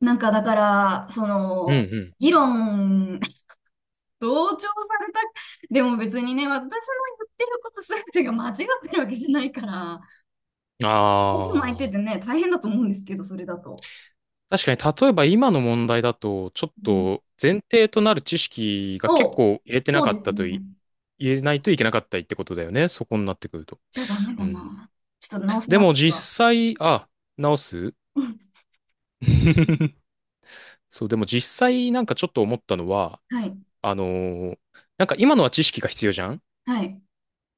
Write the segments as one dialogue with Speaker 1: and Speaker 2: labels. Speaker 1: なんかだから、そ
Speaker 2: う
Speaker 1: の、
Speaker 2: ん
Speaker 1: 議論、同調された。でも別にね、私の言ってること全てが間違ってるわけじゃないから、
Speaker 2: うん。
Speaker 1: 相手も相手
Speaker 2: あ
Speaker 1: で
Speaker 2: あ。
Speaker 1: ね、大変だと思うんですけど、それだと。
Speaker 2: 確かに、例えば今の問題だと、ちょっ
Speaker 1: うん。
Speaker 2: と前提となる知識が結
Speaker 1: そう。
Speaker 2: 構入れてな
Speaker 1: そう
Speaker 2: か
Speaker 1: で
Speaker 2: っ
Speaker 1: す
Speaker 2: たと
Speaker 1: ね。
Speaker 2: い、入れないといけなかったりってことだよね。そこになってくると。
Speaker 1: じゃあダメ
Speaker 2: う
Speaker 1: だ
Speaker 2: ん。
Speaker 1: な。ちょっと直し
Speaker 2: で
Speaker 1: ま
Speaker 2: も
Speaker 1: すわ。
Speaker 2: 実際、あ、直す。
Speaker 1: うん。
Speaker 2: そう、でも実際なんかちょっと思ったのは、
Speaker 1: はい。
Speaker 2: あのーなんか今のは知識が必要じゃん。
Speaker 1: はい。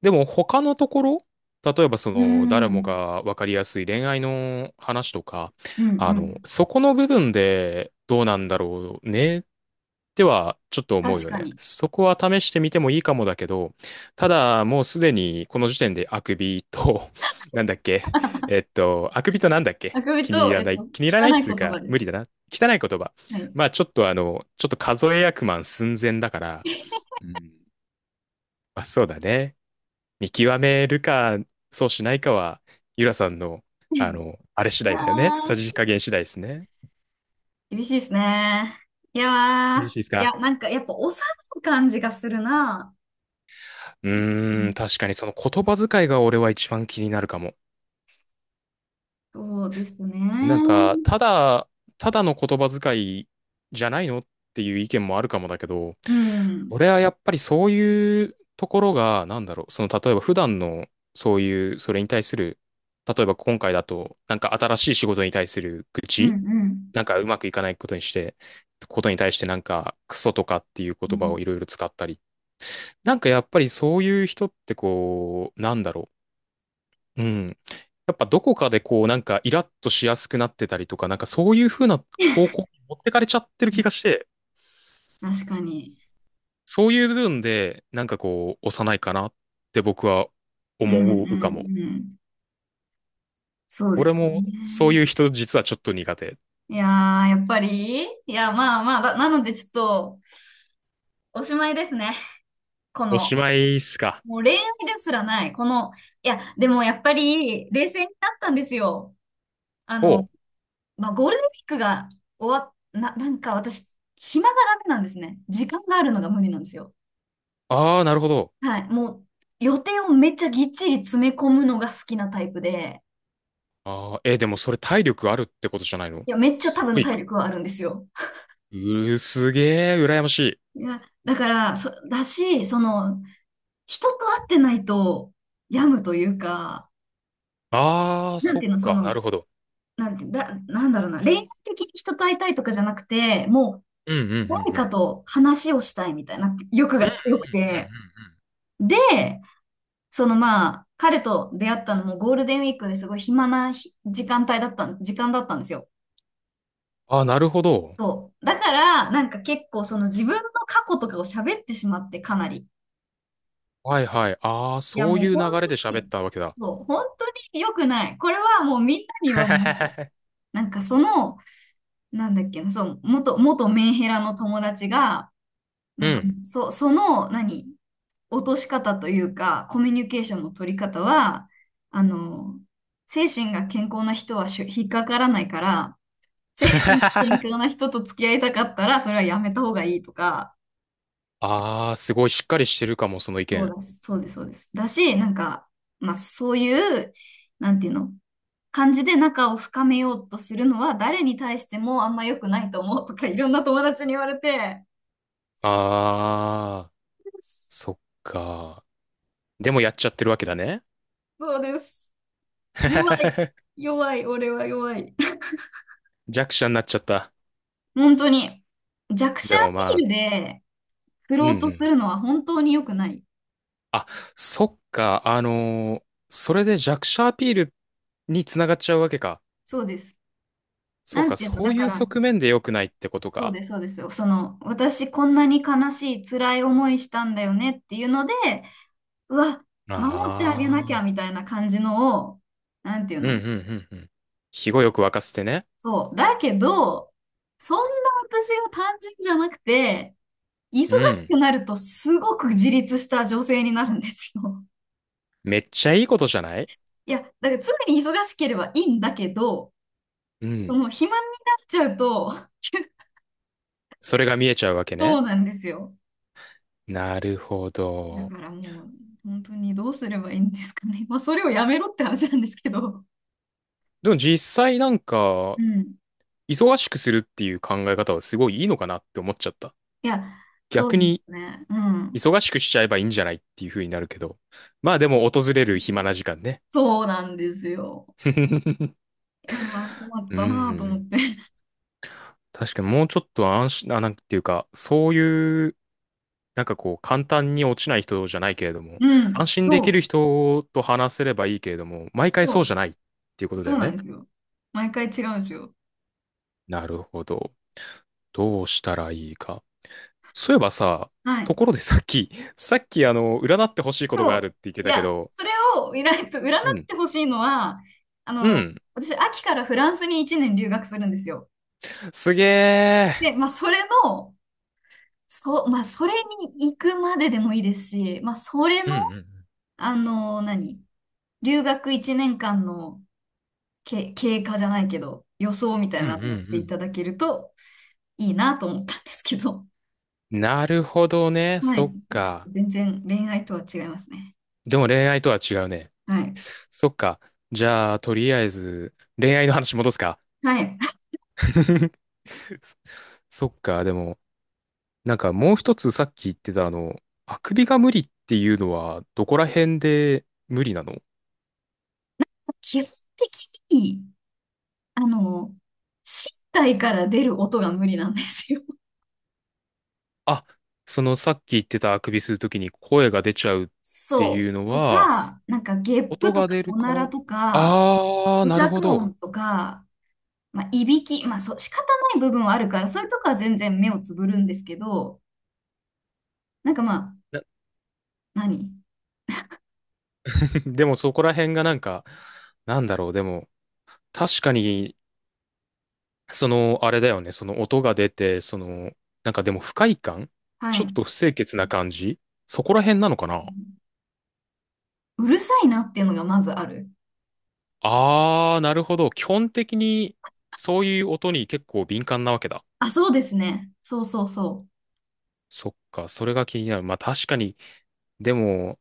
Speaker 2: でも他のところ、例えばそ
Speaker 1: うー
Speaker 2: の誰も
Speaker 1: ん。
Speaker 2: が分かりやすい恋愛の話とか、
Speaker 1: うん、
Speaker 2: あ
Speaker 1: う
Speaker 2: の、
Speaker 1: ん。
Speaker 2: そこの部分でどうなんだろうねってはちょっと思う
Speaker 1: 確
Speaker 2: よ
Speaker 1: か
Speaker 2: ね。
Speaker 1: に。
Speaker 2: そこは試してみてもいいかもだけど、ただもうすでにこの時点であくびと、なんだっけ、あくびとなんだっ
Speaker 1: あ
Speaker 2: け、
Speaker 1: くび
Speaker 2: 気に入
Speaker 1: と、
Speaker 2: らない。気に入らない
Speaker 1: 汚
Speaker 2: っ
Speaker 1: い
Speaker 2: つう
Speaker 1: 言葉
Speaker 2: か
Speaker 1: で
Speaker 2: 無
Speaker 1: す。
Speaker 2: 理だな。汚い言葉。
Speaker 1: はい。
Speaker 2: まあちょっとあの、ちょっと数え役満寸前だから、うん、まあそうだね。見極めるか、そうしないかは、ゆらさんの、
Speaker 1: い
Speaker 2: あの、あれ次
Speaker 1: や
Speaker 2: 第だよね。さ
Speaker 1: ー。
Speaker 2: じ加減次第ですね。
Speaker 1: 厳しいですね。いやー、
Speaker 2: よろしいです
Speaker 1: いや、
Speaker 2: か？
Speaker 1: なんか、やっぱ幼い感じがするな。
Speaker 2: う
Speaker 1: う
Speaker 2: ーん、
Speaker 1: ん、
Speaker 2: 確かにその言葉遣いが俺は一番気になるかも。
Speaker 1: そうですね。
Speaker 2: なんか、ただ、ただの言葉遣いじゃないのっていう意見もあるかもだけど、
Speaker 1: うん、うん、
Speaker 2: 俺はやっぱりそういうところが、なんだろう、その例えば普段のそういう、それに対する、例えば今回だと、なんか新しい仕事に対する愚
Speaker 1: う
Speaker 2: 痴、
Speaker 1: ん、
Speaker 2: なんかうまくいかないことにして、ことに対してなんかクソとかっていう
Speaker 1: う
Speaker 2: 言葉を
Speaker 1: ん。
Speaker 2: いろいろ使ったり。なんかやっぱりそういう人ってこう、なんだろう。うん。やっぱどこかでこうなんかイラッとしやすくなってたりとか、なんかそういう風な方向に持ってかれちゃってる気がして、
Speaker 1: 確かに。
Speaker 2: そういう部分でなんかこう幼いかなって僕は
Speaker 1: うん、うん、う
Speaker 2: 思うかも。
Speaker 1: ん。そうで
Speaker 2: 俺
Speaker 1: す
Speaker 2: もそう
Speaker 1: ね。
Speaker 2: いう人実はちょっと苦手。
Speaker 1: いやー、やっぱり、いや、まあまあ、なのでちょっと、おしまいですね。こ
Speaker 2: おし
Speaker 1: の、
Speaker 2: まいっすか。
Speaker 1: もう恋愛ですらない。いや、でもやっぱり、冷静になったんですよ。あの、
Speaker 2: お、
Speaker 1: まあ、ゴールデンウィークが終わっ、な、なんか私、暇がダメなんですね。時間があるのが無理なんですよ。
Speaker 2: ああ、なるほど。
Speaker 1: はい。もう、予定をめっちゃぎっちり詰め込むのが好きなタイプで、
Speaker 2: ああ、えー、でもそれ体力あるってことじゃないの？
Speaker 1: いや、めっちゃ
Speaker 2: す
Speaker 1: 多
Speaker 2: ご
Speaker 1: 分
Speaker 2: い。
Speaker 1: 体力はあるんですよ。
Speaker 2: うー、すげえ、羨ましい。
Speaker 1: いや、だから、そ、だし、その、人と会ってないと、病むというか、
Speaker 2: ああ、
Speaker 1: なん
Speaker 2: そ
Speaker 1: て
Speaker 2: っ
Speaker 1: いうの、そ
Speaker 2: か、な
Speaker 1: の、
Speaker 2: るほど。
Speaker 1: なんて、だ、なんだろうな、恋愛的に人と会いたいとかじゃなくて、も
Speaker 2: うんうんうん
Speaker 1: う、誰
Speaker 2: う
Speaker 1: か
Speaker 2: ん。
Speaker 1: と話をしたいみたいな欲
Speaker 2: うんう
Speaker 1: が
Speaker 2: んうんうん
Speaker 1: 強くて、
Speaker 2: うん。
Speaker 1: で、まあ、彼と出会ったのもゴールデンウィークですごい暇なひ時間帯だったん、時間だったんですよ。
Speaker 2: ああ、なるほど。
Speaker 1: そう。だから、なんか結構その自分の過去とかを喋ってしまってかなり。
Speaker 2: はいはい。ああ、
Speaker 1: いや
Speaker 2: そう
Speaker 1: も
Speaker 2: い
Speaker 1: う
Speaker 2: う
Speaker 1: 本
Speaker 2: 流れで
Speaker 1: 当
Speaker 2: 喋っ
Speaker 1: に、
Speaker 2: たわけだ。
Speaker 1: そう、本当に良くない。これはもうみんなに言われました。なんかその、なんだっけな、そう、元、元メンヘラの友達が、
Speaker 2: う
Speaker 1: なんか、
Speaker 2: ん。
Speaker 1: そ、その、何、落とし方というか、コミュニケーションの取り方は、あの、精神が健康な人は引っかからないから、精神が健 康な人と付き合いたかったら、それはやめた方がいいとか、
Speaker 2: ああ、すごいしっかりしてるかも、その意
Speaker 1: そう
Speaker 2: 見。
Speaker 1: だし、そうです。だし、なんか、まあ、そういう、なんていうの、感じで仲を深めようとするのは、誰に対してもあんま良くないと思うとか、いろんな友達に言われて、
Speaker 2: ああ、そっか。でもやっちゃってるわけだね。
Speaker 1: そうです。弱い。弱い。俺は弱い。
Speaker 2: 弱者になっちゃった。
Speaker 1: 本当に弱者ア
Speaker 2: でもま
Speaker 1: ピ
Speaker 2: あ、
Speaker 1: ールで振
Speaker 2: うん
Speaker 1: ろ
Speaker 2: う
Speaker 1: うとす
Speaker 2: ん。
Speaker 1: るのは本当に良くない。
Speaker 2: あ、そっか、それで弱者アピールにつながっちゃうわけか。
Speaker 1: そうです。
Speaker 2: そ
Speaker 1: な
Speaker 2: う
Speaker 1: ん
Speaker 2: か、
Speaker 1: ていうの、
Speaker 2: そ
Speaker 1: だ
Speaker 2: うい
Speaker 1: か
Speaker 2: う
Speaker 1: ら、
Speaker 2: 側面で良くないってこと
Speaker 1: そう
Speaker 2: か。
Speaker 1: です、そうですよ。その、私こんなに悲しい、辛い思いしたんだよねっていうので、うわ、守ってあげ
Speaker 2: あ
Speaker 1: なきゃみ
Speaker 2: あ。
Speaker 1: たいな感じのを、なんていう
Speaker 2: うんうんう
Speaker 1: の。
Speaker 2: んうん。肥後よく沸かせてね。
Speaker 1: そう。だけど、そんな私が単純じゃなくて、忙し
Speaker 2: うん。
Speaker 1: くなるとすごく自立した女性になるんですよ。
Speaker 2: めっちゃいいことじゃない？
Speaker 1: いや、だから常に忙しければいいんだけど、
Speaker 2: うん。
Speaker 1: その肥満になっちゃうと、
Speaker 2: それが見えちゃうわけ
Speaker 1: そう
Speaker 2: ね。
Speaker 1: なんですよ。
Speaker 2: なるほ
Speaker 1: だ
Speaker 2: ど。
Speaker 1: からもう、本当にどうすればいいんですかね。まあ、それをやめろって話なんですけど。
Speaker 2: でも実際なんか、
Speaker 1: うん。
Speaker 2: 忙しくするっていう考え方はすごいいいのかなって思っちゃった。
Speaker 1: いや、そう
Speaker 2: 逆
Speaker 1: です
Speaker 2: に、
Speaker 1: ね。うん。
Speaker 2: 忙しくしちゃえばいいんじゃないっていう風になるけど。まあでも訪れる暇な時間ね。
Speaker 1: そうなんですよ。いやー、困っ
Speaker 2: う
Speaker 1: たなーと思
Speaker 2: ん。
Speaker 1: って。
Speaker 2: 確かにもうちょっと安心、あ、なんていうか、そういう、なんかこう、簡単に落ちない人じゃないけれども、
Speaker 1: う
Speaker 2: 安
Speaker 1: ん。
Speaker 2: 心でき
Speaker 1: そ
Speaker 2: る
Speaker 1: う。
Speaker 2: 人と話せればいいけれども、毎回
Speaker 1: そ
Speaker 2: そうじゃないっていうこ
Speaker 1: う。
Speaker 2: とだ
Speaker 1: そう
Speaker 2: よ
Speaker 1: なん
Speaker 2: ね。
Speaker 1: ですよ。毎回違うんですよ。
Speaker 2: なるほど。どうしたらいいか。そういえばさ、
Speaker 1: は
Speaker 2: と
Speaker 1: い。
Speaker 2: ころでさっき、さっきあの、占ってほしいこと
Speaker 1: そ
Speaker 2: があるっ
Speaker 1: う。
Speaker 2: て言って
Speaker 1: い
Speaker 2: たけ
Speaker 1: や、
Speaker 2: ど、
Speaker 1: それを占いと、占っ
Speaker 2: うん。
Speaker 1: てほしいのは、あ
Speaker 2: う
Speaker 1: の、
Speaker 2: ん。
Speaker 1: 私、秋からフランスに1年留学するんですよ。
Speaker 2: すげ
Speaker 1: で、
Speaker 2: え。
Speaker 1: まあ、それの、そう、まあ、それに行くまででもいいですし、まあ、それ
Speaker 2: う
Speaker 1: の、
Speaker 2: んうん。
Speaker 1: あの、何留学1年間の経過じゃないけど、予想みた
Speaker 2: う
Speaker 1: い
Speaker 2: んう
Speaker 1: なのをしてい
Speaker 2: ん
Speaker 1: ただけるといいなと思ったんですけど、
Speaker 2: うん。なるほど ね。
Speaker 1: はい。
Speaker 2: そっ
Speaker 1: ちょっと
Speaker 2: か。
Speaker 1: 全然恋愛とは違いますね。
Speaker 2: でも恋愛とは違うね。
Speaker 1: はい。
Speaker 2: そっか。じゃあ、とりあえず、恋愛の話戻すか。
Speaker 1: はい。
Speaker 2: そっか。でも、なんかもう一つさっき言ってたあの、あくびが無理っていうのは、どこら辺で無理なの？
Speaker 1: 基本的に、あの、身体から出る音が無理なんですよ。
Speaker 2: あ、そのさっき言ってたあくびするときに声が出ちゃうってい
Speaker 1: そ
Speaker 2: う
Speaker 1: う。
Speaker 2: の
Speaker 1: と
Speaker 2: は、
Speaker 1: か、なんかゲップ
Speaker 2: 音
Speaker 1: と
Speaker 2: が
Speaker 1: か
Speaker 2: 出る
Speaker 1: お
Speaker 2: か
Speaker 1: なら
Speaker 2: ら。
Speaker 1: とか、
Speaker 2: あー、な
Speaker 1: 咀
Speaker 2: るほ
Speaker 1: 嚼
Speaker 2: ど。
Speaker 1: 音とか、まあ、いびき、まあ、そう、仕方ない部分はあるから、そういうとこは全然目をつぶるんですけど、なんかまあ、
Speaker 2: な
Speaker 1: 何
Speaker 2: でもそこら辺がなんか、なんだろう。でも、確かにその、あれだよね、その音が出て、その、なんかでも不快感、
Speaker 1: は
Speaker 2: ちょっ
Speaker 1: い。
Speaker 2: と不清潔な感じ、そこら辺なのかな。
Speaker 1: うるさいなっていうのがまずある。
Speaker 2: あー、なるほど。基本的に、そういう音に結構敏感なわけだ。
Speaker 1: あ、そうですね。そうそうそ
Speaker 2: そっか、それが気になる。まあ確かに、でも、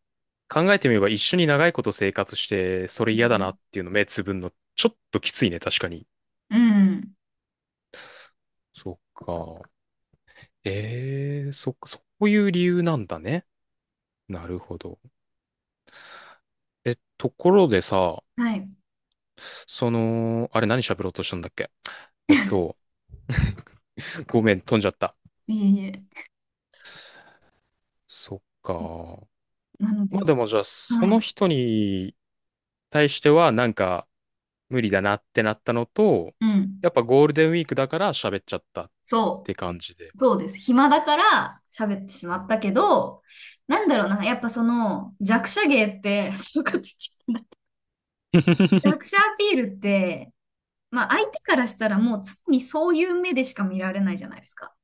Speaker 2: 考えてみれば一緒に長いこと生活して、それ
Speaker 1: う。う
Speaker 2: 嫌だな
Speaker 1: ん。
Speaker 2: っていうの目つぶんの、ちょっときついね、確かに。
Speaker 1: うん。
Speaker 2: そっか。ええー、そっか、そういう理由なんだね。なるほど。え、ところでさ、
Speaker 1: はい。
Speaker 2: その、あれ何喋ろうとしたんだっけ？えっと、ごめん、飛んじゃった。
Speaker 1: いえいえ。
Speaker 2: そっか。
Speaker 1: なの
Speaker 2: まあ
Speaker 1: で、
Speaker 2: でもじゃあ、そ
Speaker 1: は
Speaker 2: の
Speaker 1: い。
Speaker 2: 人に対してはなんか無理だなってなったのと、
Speaker 1: うん。
Speaker 2: やっぱゴールデンウィークだから喋っちゃったっ
Speaker 1: そ
Speaker 2: て感じで。
Speaker 1: う。そうです。暇だから喋ってしまったけど、なんだろうな。やっぱその弱者芸って、そういうこと言っちゃった弱者 アピールって、まあ、相手からしたらもう常にそういう目でしか見られないじゃないですか。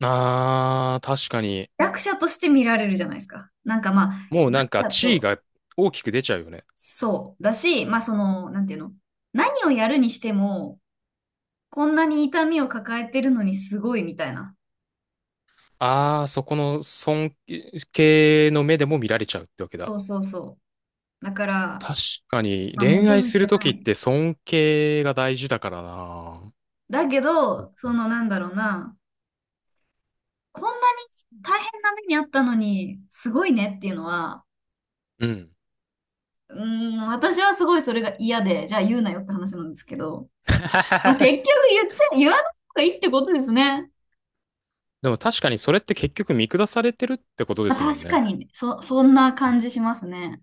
Speaker 2: あー、確かに。
Speaker 1: 弱者として見られるじゃないですか。なんかまあ、
Speaker 2: もうなんか
Speaker 1: 弱者
Speaker 2: 地位
Speaker 1: と、
Speaker 2: が大きく出ちゃうよね。
Speaker 1: そう。だし、まあその、なんていうの。何をやるにしても、こんなに痛みを抱えてるのにすごいみたいな。
Speaker 2: あー、そこの尊敬の目でも見られちゃうってわけだ。
Speaker 1: そうそうそう。だから、
Speaker 2: 確かに、
Speaker 1: まあ、
Speaker 2: 恋
Speaker 1: 求
Speaker 2: 愛
Speaker 1: め
Speaker 2: す
Speaker 1: て
Speaker 2: ると
Speaker 1: な
Speaker 2: きっ
Speaker 1: い。
Speaker 2: て尊敬が大事だからな。
Speaker 1: だけど、そのなんだろうな、こんなに大変な目にあったのに、すごいねっていうのは、
Speaker 2: うん。
Speaker 1: うーん、私はすごいそれが嫌で、じゃあ言うなよって話なんですけど、まあ、結局 言っちゃ、言わない方がいいってことですね。
Speaker 2: でも確かにそれって結局見下されてるってことで
Speaker 1: まあ、
Speaker 2: すもん
Speaker 1: 確か
Speaker 2: ね。
Speaker 1: にね、そんな感じしますね。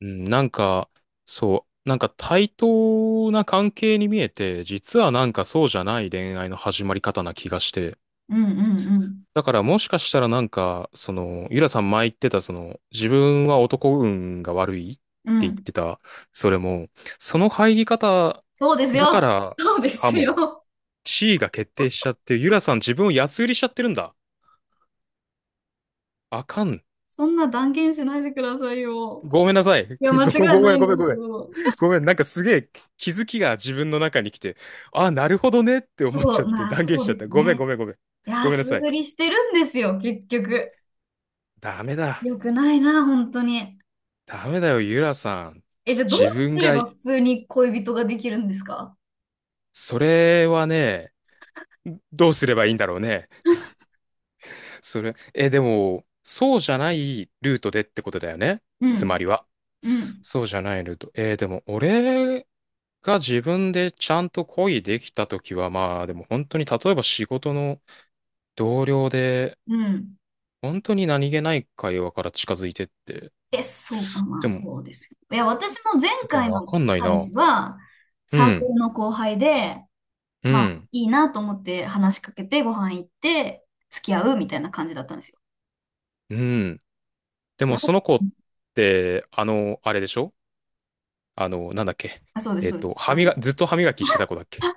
Speaker 2: うん、なんか、そう、なんか対等な関係に見えて、実はなんかそうじゃない恋愛の始まり方な気がして。
Speaker 1: うんうん
Speaker 2: だからもしかしたらなんか、その、ゆらさん前言ってた、その、自分は男運が悪いって
Speaker 1: うん。う
Speaker 2: 言っ
Speaker 1: ん。
Speaker 2: てた、それも、その入り方
Speaker 1: そうです
Speaker 2: だか
Speaker 1: よ。
Speaker 2: ら
Speaker 1: そうで
Speaker 2: か
Speaker 1: す
Speaker 2: も、
Speaker 1: よ。
Speaker 2: 地位が決定しちゃって、ゆらさん自分を安売りしちゃってるんだ。あかん。
Speaker 1: そんな断言しないでくださいよ。
Speaker 2: ごめんなさい。
Speaker 1: いや、間違
Speaker 2: ご、
Speaker 1: い
Speaker 2: ご
Speaker 1: な
Speaker 2: めん、
Speaker 1: いん
Speaker 2: ご
Speaker 1: で
Speaker 2: めん、
Speaker 1: す
Speaker 2: ごめ
Speaker 1: け
Speaker 2: ん。
Speaker 1: ど。
Speaker 2: ごめん、なんかすげえ気づきが自分の中に来て、あ、なるほどねって思っ
Speaker 1: そ
Speaker 2: ちゃ
Speaker 1: う、
Speaker 2: って
Speaker 1: まあ、
Speaker 2: 断
Speaker 1: そ
Speaker 2: 言しち
Speaker 1: う
Speaker 2: ゃっ
Speaker 1: で
Speaker 2: た。
Speaker 1: す
Speaker 2: ごめん、
Speaker 1: ね。
Speaker 2: ごめん、ごめん。ごめん
Speaker 1: 安
Speaker 2: なさい。
Speaker 1: 売りしてるんですよ、結局。
Speaker 2: ダメだ。
Speaker 1: よくないな、本当に。
Speaker 2: ダメだよ、ゆらさん。
Speaker 1: え、じゃあどう
Speaker 2: 自分
Speaker 1: すれ
Speaker 2: が、
Speaker 1: ば普通に恋人ができるんですか？
Speaker 2: それはね、どうすればいいんだろうね。それ、え、でも、そうじゃないルートでってことだよね。
Speaker 1: う
Speaker 2: つま
Speaker 1: ん、
Speaker 2: りは。
Speaker 1: うん、
Speaker 2: そうじゃないルート。えー、でも俺が自分でちゃんと恋できたときは、まあでも本当に例えば仕事の同僚で、
Speaker 1: うん。
Speaker 2: 本当に何気ない会話から近づいてって。
Speaker 1: え、そうか、まあ
Speaker 2: でも、
Speaker 1: そうですよ。いや、私も前
Speaker 2: で
Speaker 1: 回
Speaker 2: もわ
Speaker 1: の
Speaker 2: かんない
Speaker 1: 彼
Speaker 2: な。
Speaker 1: 氏は、
Speaker 2: う
Speaker 1: サークル
Speaker 2: ん、
Speaker 1: の後輩で、
Speaker 2: う
Speaker 1: まあ
Speaker 2: ん、
Speaker 1: いいなと思って話しかけてご飯行って付き合うみたいな感じだったんですよ。
Speaker 2: うん。でも
Speaker 1: だ
Speaker 2: その子って、あの、あれでしょ？あの、なんだっけ。
Speaker 1: あ、そうです。
Speaker 2: 歯
Speaker 1: あの、
Speaker 2: 磨、ずっと歯磨きしてた子だっけ？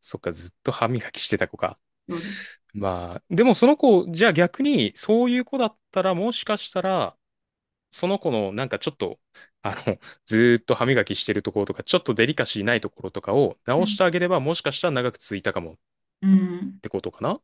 Speaker 2: そっか、ずっと歯磨きしてた子か。
Speaker 1: そうです。
Speaker 2: まあ、でもその子、じゃあ逆に、そういう子だったら、もしかしたら、その子のなんかちょっと、あの、ずーっと歯磨きしてるところとか、ちょっとデリカシーないところとかを直
Speaker 1: う
Speaker 2: し
Speaker 1: ん。
Speaker 2: てあげれば、もしかしたら長く続いたかもっ
Speaker 1: うん
Speaker 2: てことかな？